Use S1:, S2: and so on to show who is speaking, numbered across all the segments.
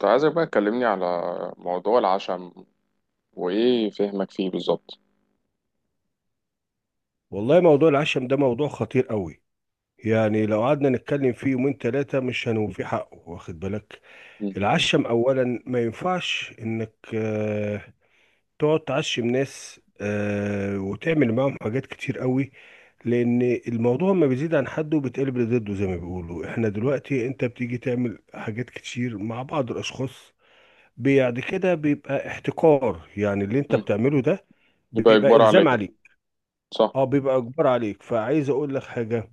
S1: كنت عايزك بقى تكلمني على موضوع العشم، وإيه فهمك فيه بالظبط.
S2: والله موضوع العشم ده موضوع خطير قوي. يعني لو قعدنا نتكلم فيه يومين ثلاثة مش هنوفي حقه، واخد بالك؟
S1: مم.
S2: العشم أولا ما ينفعش إنك تقعد تعشم ناس، وتعمل معاهم حاجات كتير قوي، لأن الموضوع ما بيزيد عن حده بيتقلب لضده، زي ما بيقولوا. إحنا دلوقتي أنت بتيجي تعمل حاجات كتير مع بعض الأشخاص، بعد كده بيبقى احتكار يعني اللي أنت
S1: مم.
S2: بتعمله ده.
S1: يبقى
S2: بيبقى
S1: إجبار
S2: إلزام
S1: عليك.
S2: عليك.
S1: صح.
S2: اه، بيبقى اجبار عليك، فعايز اقول لك حاجه.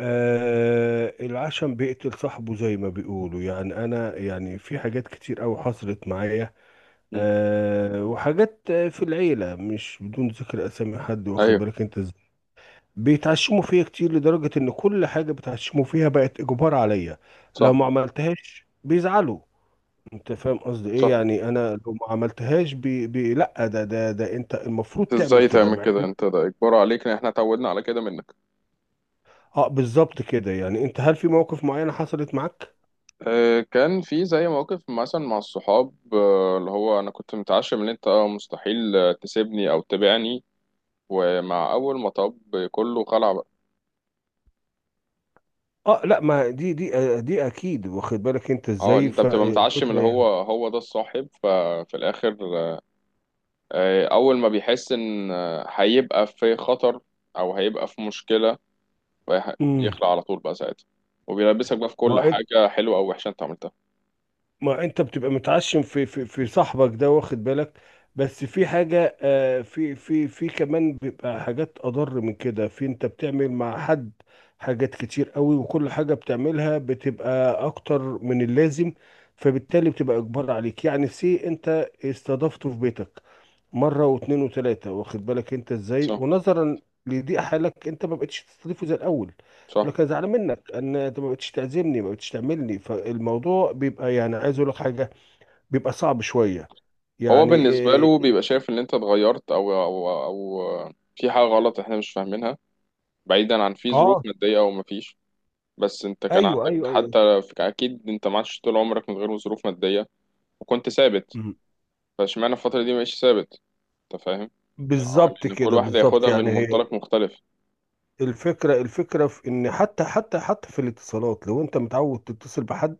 S2: العشم بيقتل صاحبه زي ما بيقولوا. يعني انا، يعني في حاجات كتير قوي حصلت معايا.
S1: مم.
S2: وحاجات، في العيله مش بدون ذكر اسامي حد، واخد
S1: أيوه.
S2: بالك انت ازاي. بيتعشموا فيا كتير لدرجه ان كل حاجه بيتعشموا فيها بقت اجبار عليا. لو ما
S1: صح.
S2: عملتهاش بيزعلوا. انت فاهم قصدي ايه؟
S1: صح،
S2: يعني انا لو ما عملتهاش، بي لا، ده انت المفروض تعمل
S1: إزاي
S2: كده،
S1: تعمل
S2: مع
S1: كده؟ أنت ده إجبار عليك، إن إحنا اتعودنا على كده منك.
S2: اه بالظبط كده. يعني انت، هل في مواقف معينه حصلت معاك؟
S1: آه، كان في زي موقف مثلا مع الصحاب، اللي هو أنا كنت متعشم إن أنت مستحيل تسيبني أو تبيعني. ومع أول مطب كله خلع بقى.
S2: اه لا، ما دي دي اكيد، واخد بالك انت
S1: اه،
S2: ازاي.
S1: انت بتبقى متعشم اللي
S2: الفكره
S1: هو
S2: يعني.
S1: هو ده الصاحب، ففي الاخر أول ما بيحس إن هيبقى في خطر أو هيبقى في مشكلة،
S2: امم.
S1: بيخلع على طول بقى ساعتها. وبيلبسك بقى في كل
S2: ما انت
S1: حاجة حلوة أو وحشة أنت عملتها.
S2: ما انت بتبقى متعشم في صاحبك ده، واخد بالك. بس في حاجه، في كمان بيبقى حاجات اضر من كده، في انت بتعمل مع حد حاجات كتير قوي، وكل حاجه بتعملها بتبقى اكتر من اللازم، فبالتالي بتبقى اجبار عليك. يعني سي انت استضفته في بيتك مره واثنين وثلاثه، واخد بالك انت ازاي،
S1: صح.
S2: ونظرا لضيق حالك انت ما بقتش تستضيفه زي الاول.
S1: صح.
S2: يقول لك انا زعلان منك، ان انت ما بقتش تعزمني ما بقتش تعملني. فالموضوع بيبقى، يعني عايز اقول لك حاجه، بيبقى صعب شويه.
S1: هو
S2: يعني
S1: بالنسبة له
S2: إيه-
S1: بيبقى شايف إن أنت اتغيرت أو في حاجة غلط إحنا مش فاهمينها. بعيدا عن في ظروف
S2: اه،
S1: مادية أو مفيش، بس أنت كان
S2: ايوه،
S1: عندك
S2: ايوه، ايوه.
S1: حتى أكيد أنت ما عادش طول عمرك من غير ظروف مادية، وكنت ثابت.
S2: مم.
S1: فاشمعنى الفترة دي مبقتش ثابت؟ أنت فاهم؟ أه،
S2: بالظبط
S1: لأن كل
S2: كده
S1: واحد
S2: بالظبط.
S1: هياخدها من
S2: يعني هي
S1: منطلق مختلف.
S2: الفكره في ان حتى في الاتصالات، لو انت متعود تتصل بحد.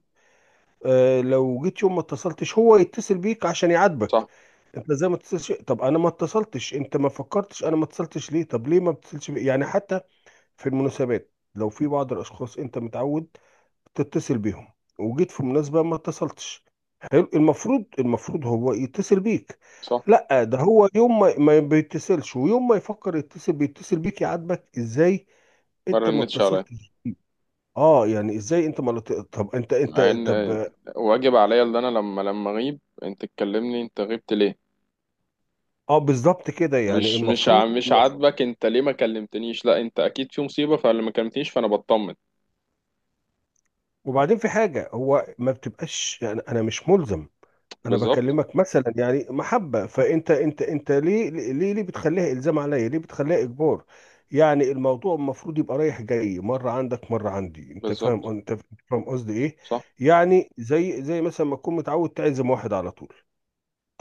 S2: لو جيت يوم ما اتصلتش، هو يتصل بيك عشان يعاتبك.
S1: صح.
S2: انت زي ما اتصلش. طب انا ما اتصلتش، انت ما فكرتش انا ما اتصلتش ليه؟ طب ليه ما بتتصلش يعني حتى في المناسبات، لو في بعض الاشخاص انت متعود تتصل بيهم، وجيت في مناسبة ما اتصلتش. حلو، المفروض هو يتصل بيك.
S1: صح.
S2: لا، ده هو يوم ما بيتصلش، ويوم ما يفكر يتصل بيتصل بيك، يعاتبك ازاي
S1: ما
S2: انت ما
S1: رنتش عليا.
S2: اتصلتش. اه، يعني ازاي انت ما لت- طب انت
S1: مع ان
S2: طب.
S1: واجب عليا، اللي انا لما اغيب انت تكلمني، انت غبت ليه؟
S2: اه بالظبط كده. يعني
S1: مش مش ع-
S2: المفروض.
S1: مش عاجبك انت ليه ما كلمتنيش؟ لا، انت اكيد في مصيبه، فاللي ما كلمتنيش فانا بطمن.
S2: وبعدين في حاجة هو ما بتبقاش، يعني أنا مش ملزم. أنا
S1: بالظبط.
S2: بكلمك مثلا يعني محبة. فأنت أنت ليه ليه بتخليها إلزام عليا؟ ليه بتخليها إجبار؟ يعني الموضوع المفروض يبقى رايح جاي، مرة عندك مرة عندي. أنت
S1: بالظبط.
S2: فاهم؟ أنت فاهم قصدي إيه؟
S1: صح.
S2: يعني زي مثلا ما تكون متعود تعزم واحد على طول.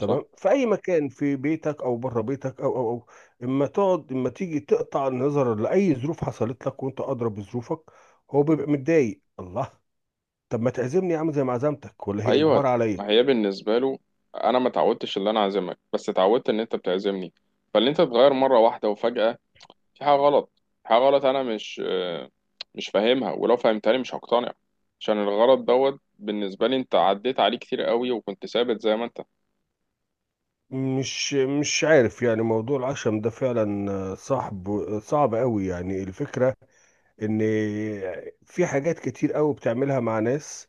S1: صح.
S2: في أي مكان، في بيتك أو بره بيتك، أو. إما تقعد إما تيجي، تقطع النظر لأي ظروف حصلت لك وأنت أدرى بظروفك. هو بيبقى متضايق. الله. طب ما تعزمني يا عم، زي ما عزمتك، ولا هي اجبار
S1: ايوه.
S2: عليا؟
S1: ما هي بالنسبه له، انا ما تعودتش ان انا اعزمك، بس اتعودت ان انت بتعزمني. فاللي انت تتغير مره واحده وفجاه، في حاجة غلط. في حاجة غلط أنا مش مش فاهمها، ولو فهمتها لي مش هقتنع. عشان الغلط دوت بالنسبة لي أنت عديت عليه كتير قوي، وكنت ثابت زي ما أنت.
S2: مش عارف. يعني موضوع العشم ده فعلا صعب، صعب قوي. يعني الفكرة ان في حاجات كتير قوي بتعملها مع ناس،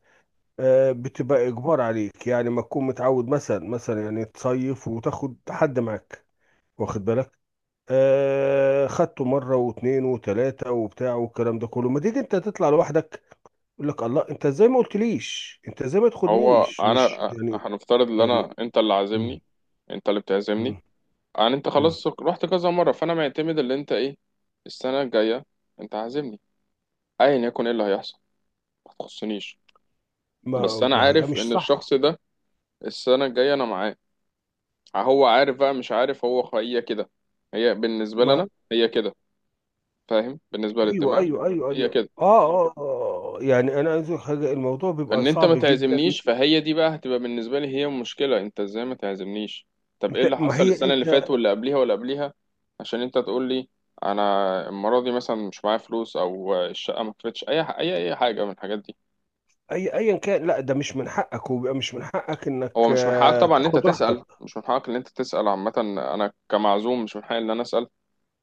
S2: بتبقى اجبار عليك. يعني ما تكون متعود مثلا يعني تصيف وتاخد حد معاك، واخد بالك. خدته مرة واتنين وتلاتة وبتاع والكلام ده كله، ما تيجي انت تطلع لوحدك. يقول لك الله، انت ازاي ما قلتليش، انت ازاي ما
S1: هو
S2: تاخدنيش. مش
S1: أنا
S2: يعني
S1: هنفترض إن أنت اللي عازمني.
S2: يعني.
S1: أنت اللي بتعزمني.
S2: مم.
S1: أنا أنت
S2: مم.
S1: خلاص رحت كذا مرة، فأنا معتمد اللي أنت إيه. السنة الجاية أنت عازمني، أيا يكن إيه اللي هيحصل، ما تخصنيش.
S2: ما
S1: بس أنا
S2: ما ده
S1: عارف
S2: مش
S1: إن
S2: صح.
S1: الشخص ده السنة الجاية أنا معاه. هو عارف بقى، مش عارف، هو هي كده. هي بالنسبة
S2: ما
S1: لنا هي كده. فاهم؟ بالنسبة
S2: ايوه،
S1: للدماغ
S2: ايوه، ايوه،
S1: هي
S2: ايوه،
S1: كده.
S2: اه، اه، آه. آه. يعني انا عايز أقول حاجه، الموضوع بيبقى
S1: ان انت
S2: صعب
S1: ما
S2: جدا.
S1: تعزمنيش، فهي دي بقى هتبقى بالنسبة لي هي مشكلة، انت ازاي ما تعزمنيش؟ طب ايه
S2: انت،
S1: اللي
S2: ما
S1: حصل
S2: هي
S1: السنة اللي فاتت
S2: انت.
S1: واللي قبليها واللي قبليها؟ عشان انت تقول لي انا المرة دي مثلا مش معايا فلوس، او الشقة ما كفتش اي اي حاجة من الحاجات دي.
S2: ايا كان، لا ده مش من حقك، وبيبقى مش من حقك انك
S1: هو مش من حقك طبعا ان انت
S2: تاخد
S1: تسأل،
S2: راحتك.
S1: مش من حقك ان انت تسأل. عامة انا كمعزوم مش من حقي ان انا اسأل،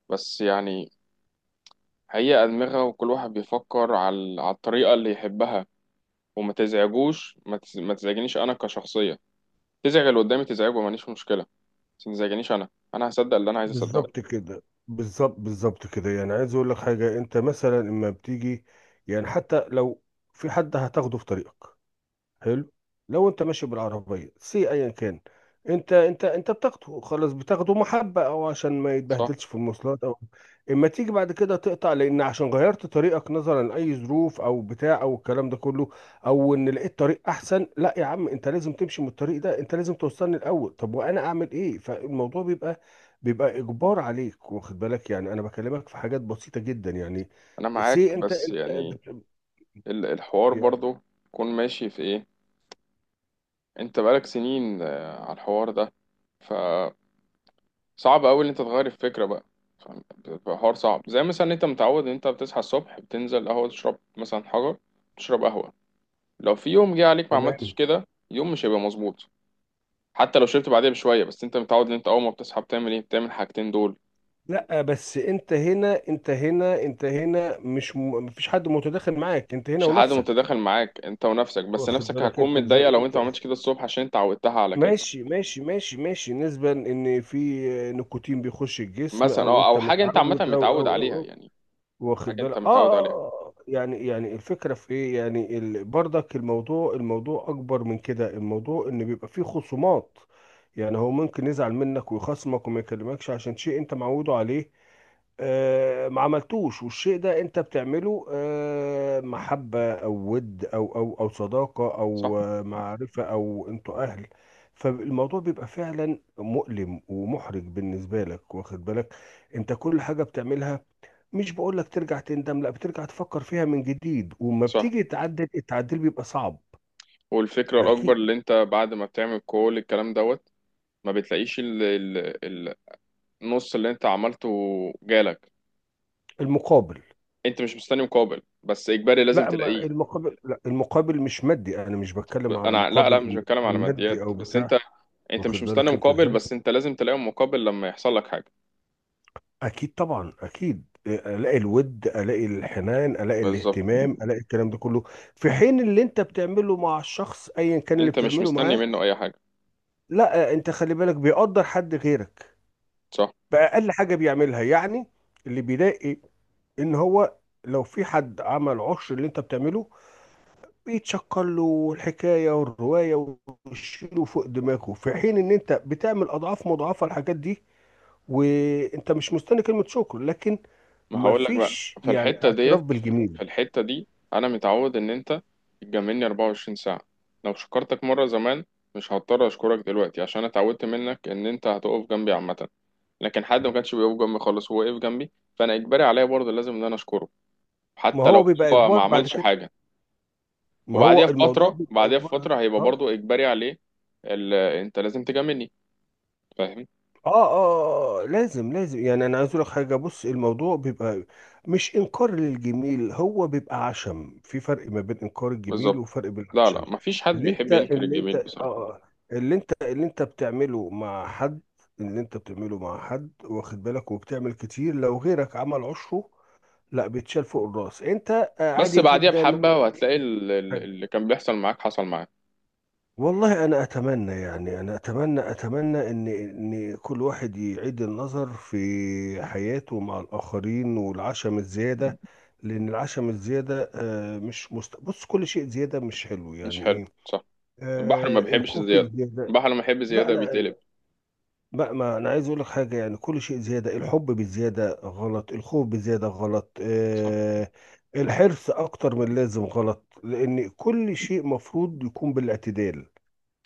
S1: بس يعني هي أدمغة، وكل واحد بيفكر على الطريقة اللي يحبها. وما تزعجوش ما تز- ما تزعجنيش انا كشخصية. تزعج اللي قدامي تزعجه، ماليش مشكلة، بس ما تزعجنيش أنا. أنا هصدق اللي أنا عايز أصدقه.
S2: بالظبط كده، بالظبط كده. يعني عايز اقول لك حاجه، انت مثلا اما بتيجي، يعني حتى لو في حد هتاخده في طريقك، حلو. لو انت ماشي بالعربيه، سي ايا كان انت بتاخده، خلاص بتاخده محبه، او عشان ما
S1: صح.
S2: يتبهدلش في المواصلات، او اما تيجي بعد كده تقطع لان عشان غيرت طريقك نظرا لاي ظروف، او بتاع، او الكلام ده كله، او ان لقيت طريق احسن. لا يا عم، انت لازم تمشي من الطريق ده، انت لازم توصلني الاول. طب وانا اعمل ايه؟ فالموضوع بيبقى اجبار عليك، واخد بالك. يعني انا بكلمك في حاجات بسيطه جدا. يعني
S1: أنا معاك،
S2: سي
S1: بس يعني الحوار
S2: يعني
S1: برضو يكون ماشي في إيه، أنت بقالك سنين على الحوار ده، فصعب أوي إن أنت تغير الفكرة بقى. فاهم؟ بيبقى حوار صعب. زي مثلا أنت متعود إن أنت بتصحى الصبح بتنزل قهوة تشرب مثلا حجر، تشرب قهوة. لو في يوم جه عليك ما عملتش
S2: تمام.
S1: كده، يوم مش هيبقى مظبوط. حتى لو شربت بعدها بشوية، بس أنت متعود إن أنت أول ما بتصحى بتعمل إيه، بتعمل الحاجتين دول.
S2: لا بس انت هنا مش مفيش حد متداخل معاك، انت هنا
S1: مش حد
S2: ونفسك.
S1: متداخل معاك، انت ونفسك. بس
S2: واخد
S1: نفسك
S2: بالك
S1: هتكون
S2: انت
S1: متضايقه
S2: ازاي.
S1: لو انت
S2: انت
S1: ما عملتش كده الصبح، عشان انت عودتها على كده.
S2: ماشي، ماشي، ماشي، ماشي، نسبة ان في نيكوتين بيخش الجسم،
S1: مثلا
S2: او
S1: اه، او
S2: انت
S1: حاجه انت عامه
S2: متعود، او
S1: متعود
S2: او او,
S1: عليها
S2: أو.
S1: يعني.
S2: واخد
S1: حاجه
S2: بالك.
S1: انت متعود عليها.
S2: يعني الفكرة في ايه؟ يعني برضك الموضوع اكبر من كده. الموضوع ان بيبقى فيه خصومات. يعني هو ممكن يزعل منك ويخصمك وما يكلمكش عشان شيء انت معوده عليه، ما عملتوش. والشيء ده انت بتعمله، محبة او ود، او صداقة،
S1: صح.
S2: او معرفة، او انتوا اهل. فالموضوع بيبقى فعلا مؤلم ومحرج بالنسبة لك، واخد بالك. انت كل حاجة بتعملها، مش بقول لك ترجع تندم لا، بترجع تفكر فيها من جديد، وما
S1: صح.
S2: بتيجي تعدل التعديل بيبقى صعب.
S1: والفكره الاكبر
S2: اكيد.
S1: اللي انت بعد ما بتعمل كل الكلام دوت، ما بتلاقيش ال... النص اللي انت عملته جالك.
S2: المقابل.
S1: انت مش مستني مقابل، بس اجباري لازم
S2: لا، أما
S1: تلاقيه.
S2: المقابل، لا، المقابل مش مادي، انا مش بتكلم على
S1: انا لا
S2: مقابل
S1: مش
S2: انه
S1: بتكلم
S2: يكون
S1: على
S2: مادي
S1: ماديات،
S2: او
S1: بس
S2: بتاع.
S1: انت، انت مش
S2: واخد
S1: مستني
S2: بالك انت
S1: مقابل،
S2: ازاي.
S1: بس انت لازم تلاقي مقابل لما يحصل لك حاجه.
S2: اكيد طبعا اكيد الاقي الود، الاقي الحنان، الاقي
S1: بالظبط.
S2: الاهتمام، الاقي الكلام ده كله. في حين اللي انت بتعمله مع الشخص ايا كان اللي
S1: انت مش
S2: بتعمله
S1: مستني
S2: معاه.
S1: منه اي حاجه.
S2: لا، انت خلي بالك بيقدر حد غيرك
S1: صح.
S2: باقل حاجه بيعملها يعني. اللي بيلاقي ان هو، لو في حد عمل عشر اللي انت بتعمله، بيتشكر له الحكايه والروايه، ويشيله فوق دماغه. في حين ان انت بتعمل اضعاف مضاعفه الحاجات دي، وانت مش مستني كلمة شكر، لكن
S1: ما هقول لك بقى،
S2: مفيش
S1: في
S2: يعني
S1: الحتة
S2: اعتراف
S1: ديت، في
S2: بالجميل.
S1: الحتة دي، انا متعود ان انت تجاملني 24 ساعة. لو شكرتك مرة زمان مش هضطر اشكرك دلوقتي، عشان أنا اتعودت منك ان انت هتقف جنبي عامة. لكن حد ما كانش بيقف جنبي خالص هو وقف جنبي، فانا اجباري عليا برضه لازم ان انا اشكره،
S2: ما
S1: حتى لو
S2: هو بيبقى
S1: هو ما
S2: اجبار بعد
S1: عملش
S2: كده.
S1: حاجة.
S2: ما
S1: وبعديها
S2: هو الموضوع
S1: بفترة،
S2: بيبقى
S1: بعديها
S2: اجبار عليك.
S1: بفترة هيبقى برضه اجباري عليه انت لازم تجاملني. فاهم؟
S2: لازم، لازم. يعني انا عايز اقول لك حاجه، بص الموضوع بيبقى مش انكار للجميل، هو بيبقى عشم. في فرق ما بين انكار الجميل،
S1: بالظبط.
S2: وفرق بين
S1: لا
S2: العشم.
S1: لا مفيش حد
S2: اللي
S1: بيحب
S2: انت
S1: ينكر
S2: اللي انت
S1: الجميل
S2: اه
S1: بصراحة.
S2: آه، اللي انت بتعمله مع حد، اللي انت بتعمله مع حد، واخد بالك. وبتعمل كتير، لو غيرك عمل عشره، لا بيتشال فوق الراس. انت
S1: بس
S2: عادي
S1: بعديها
S2: جدا.
S1: بحبة وهتلاقي اللي كان بيحصل معاك حصل معاك.
S2: والله انا اتمنى. يعني انا اتمنى ان كل واحد يعيد النظر في حياته مع الاخرين، والعشم الزياده. لان العشم الزياده، مش بص كل شيء زياده مش حلو.
S1: مش
S2: يعني
S1: حلو.
S2: ايه.
S1: صح. البحر ما بيحبش
S2: الخوف
S1: الزيادة،
S2: الزياده.
S1: البحر لما يحب
S2: لا،
S1: زيادة بيتقلب.
S2: لا، لا، ما انا عايز اقول لك حاجه، يعني كل شيء زياده، الحب بالزياده غلط، الخوف بالزياده غلط،
S1: صح.
S2: الحرص اكتر من اللازم غلط، لان كل شيء مفروض يكون بالاعتدال.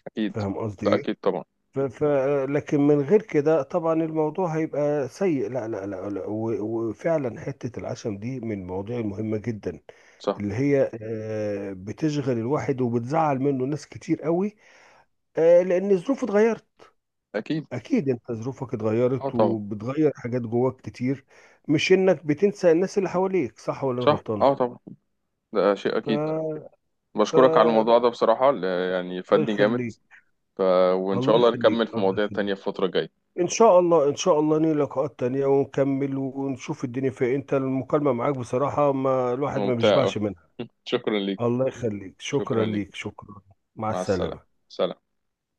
S1: أكيد.
S2: فاهم قصدي
S1: ده
S2: ايه؟
S1: أكيد طبعا.
S2: ف ف لكن من غير كده طبعا الموضوع هيبقى سيء. لا، لا، لا، لا، وفعلا حته العشم دي من المواضيع المهمه جدا،
S1: صح.
S2: اللي هي بتشغل الواحد، وبتزعل منه ناس كتير قوي، لان الظروف اتغيرت.
S1: أكيد.
S2: اكيد انت ظروفك
S1: أه
S2: اتغيرت،
S1: طبعا.
S2: وبتغير حاجات جواك كتير، مش انك بتنسى الناس اللي حواليك، صح ولا انا
S1: صح.
S2: غلطان؟
S1: أه طبعا، ده شيء
S2: ف...
S1: أكيد.
S2: ف...
S1: بشكرك على الموضوع ده بصراحة، يعني
S2: الله
S1: فادني جامد.
S2: يخليك،
S1: ف... وإن شاء
S2: الله
S1: الله
S2: يخليك،
S1: نكمل في
S2: الله
S1: مواضيع تانية
S2: يخليك.
S1: في الفترة الجاية.
S2: ان شاء الله، ان شاء الله نيجي لقاءات تانية، ونكمل ونشوف الدنيا فيها. انت المكالمة معاك بصراحة ما الواحد ما
S1: ممتع أوي.
S2: بيشبعش منها.
S1: شكرا ليك.
S2: الله يخليك.
S1: شكرا
S2: شكرا
S1: ليك.
S2: ليك، شكرا. مع
S1: مع السلامة.
S2: السلامة.
S1: سلام.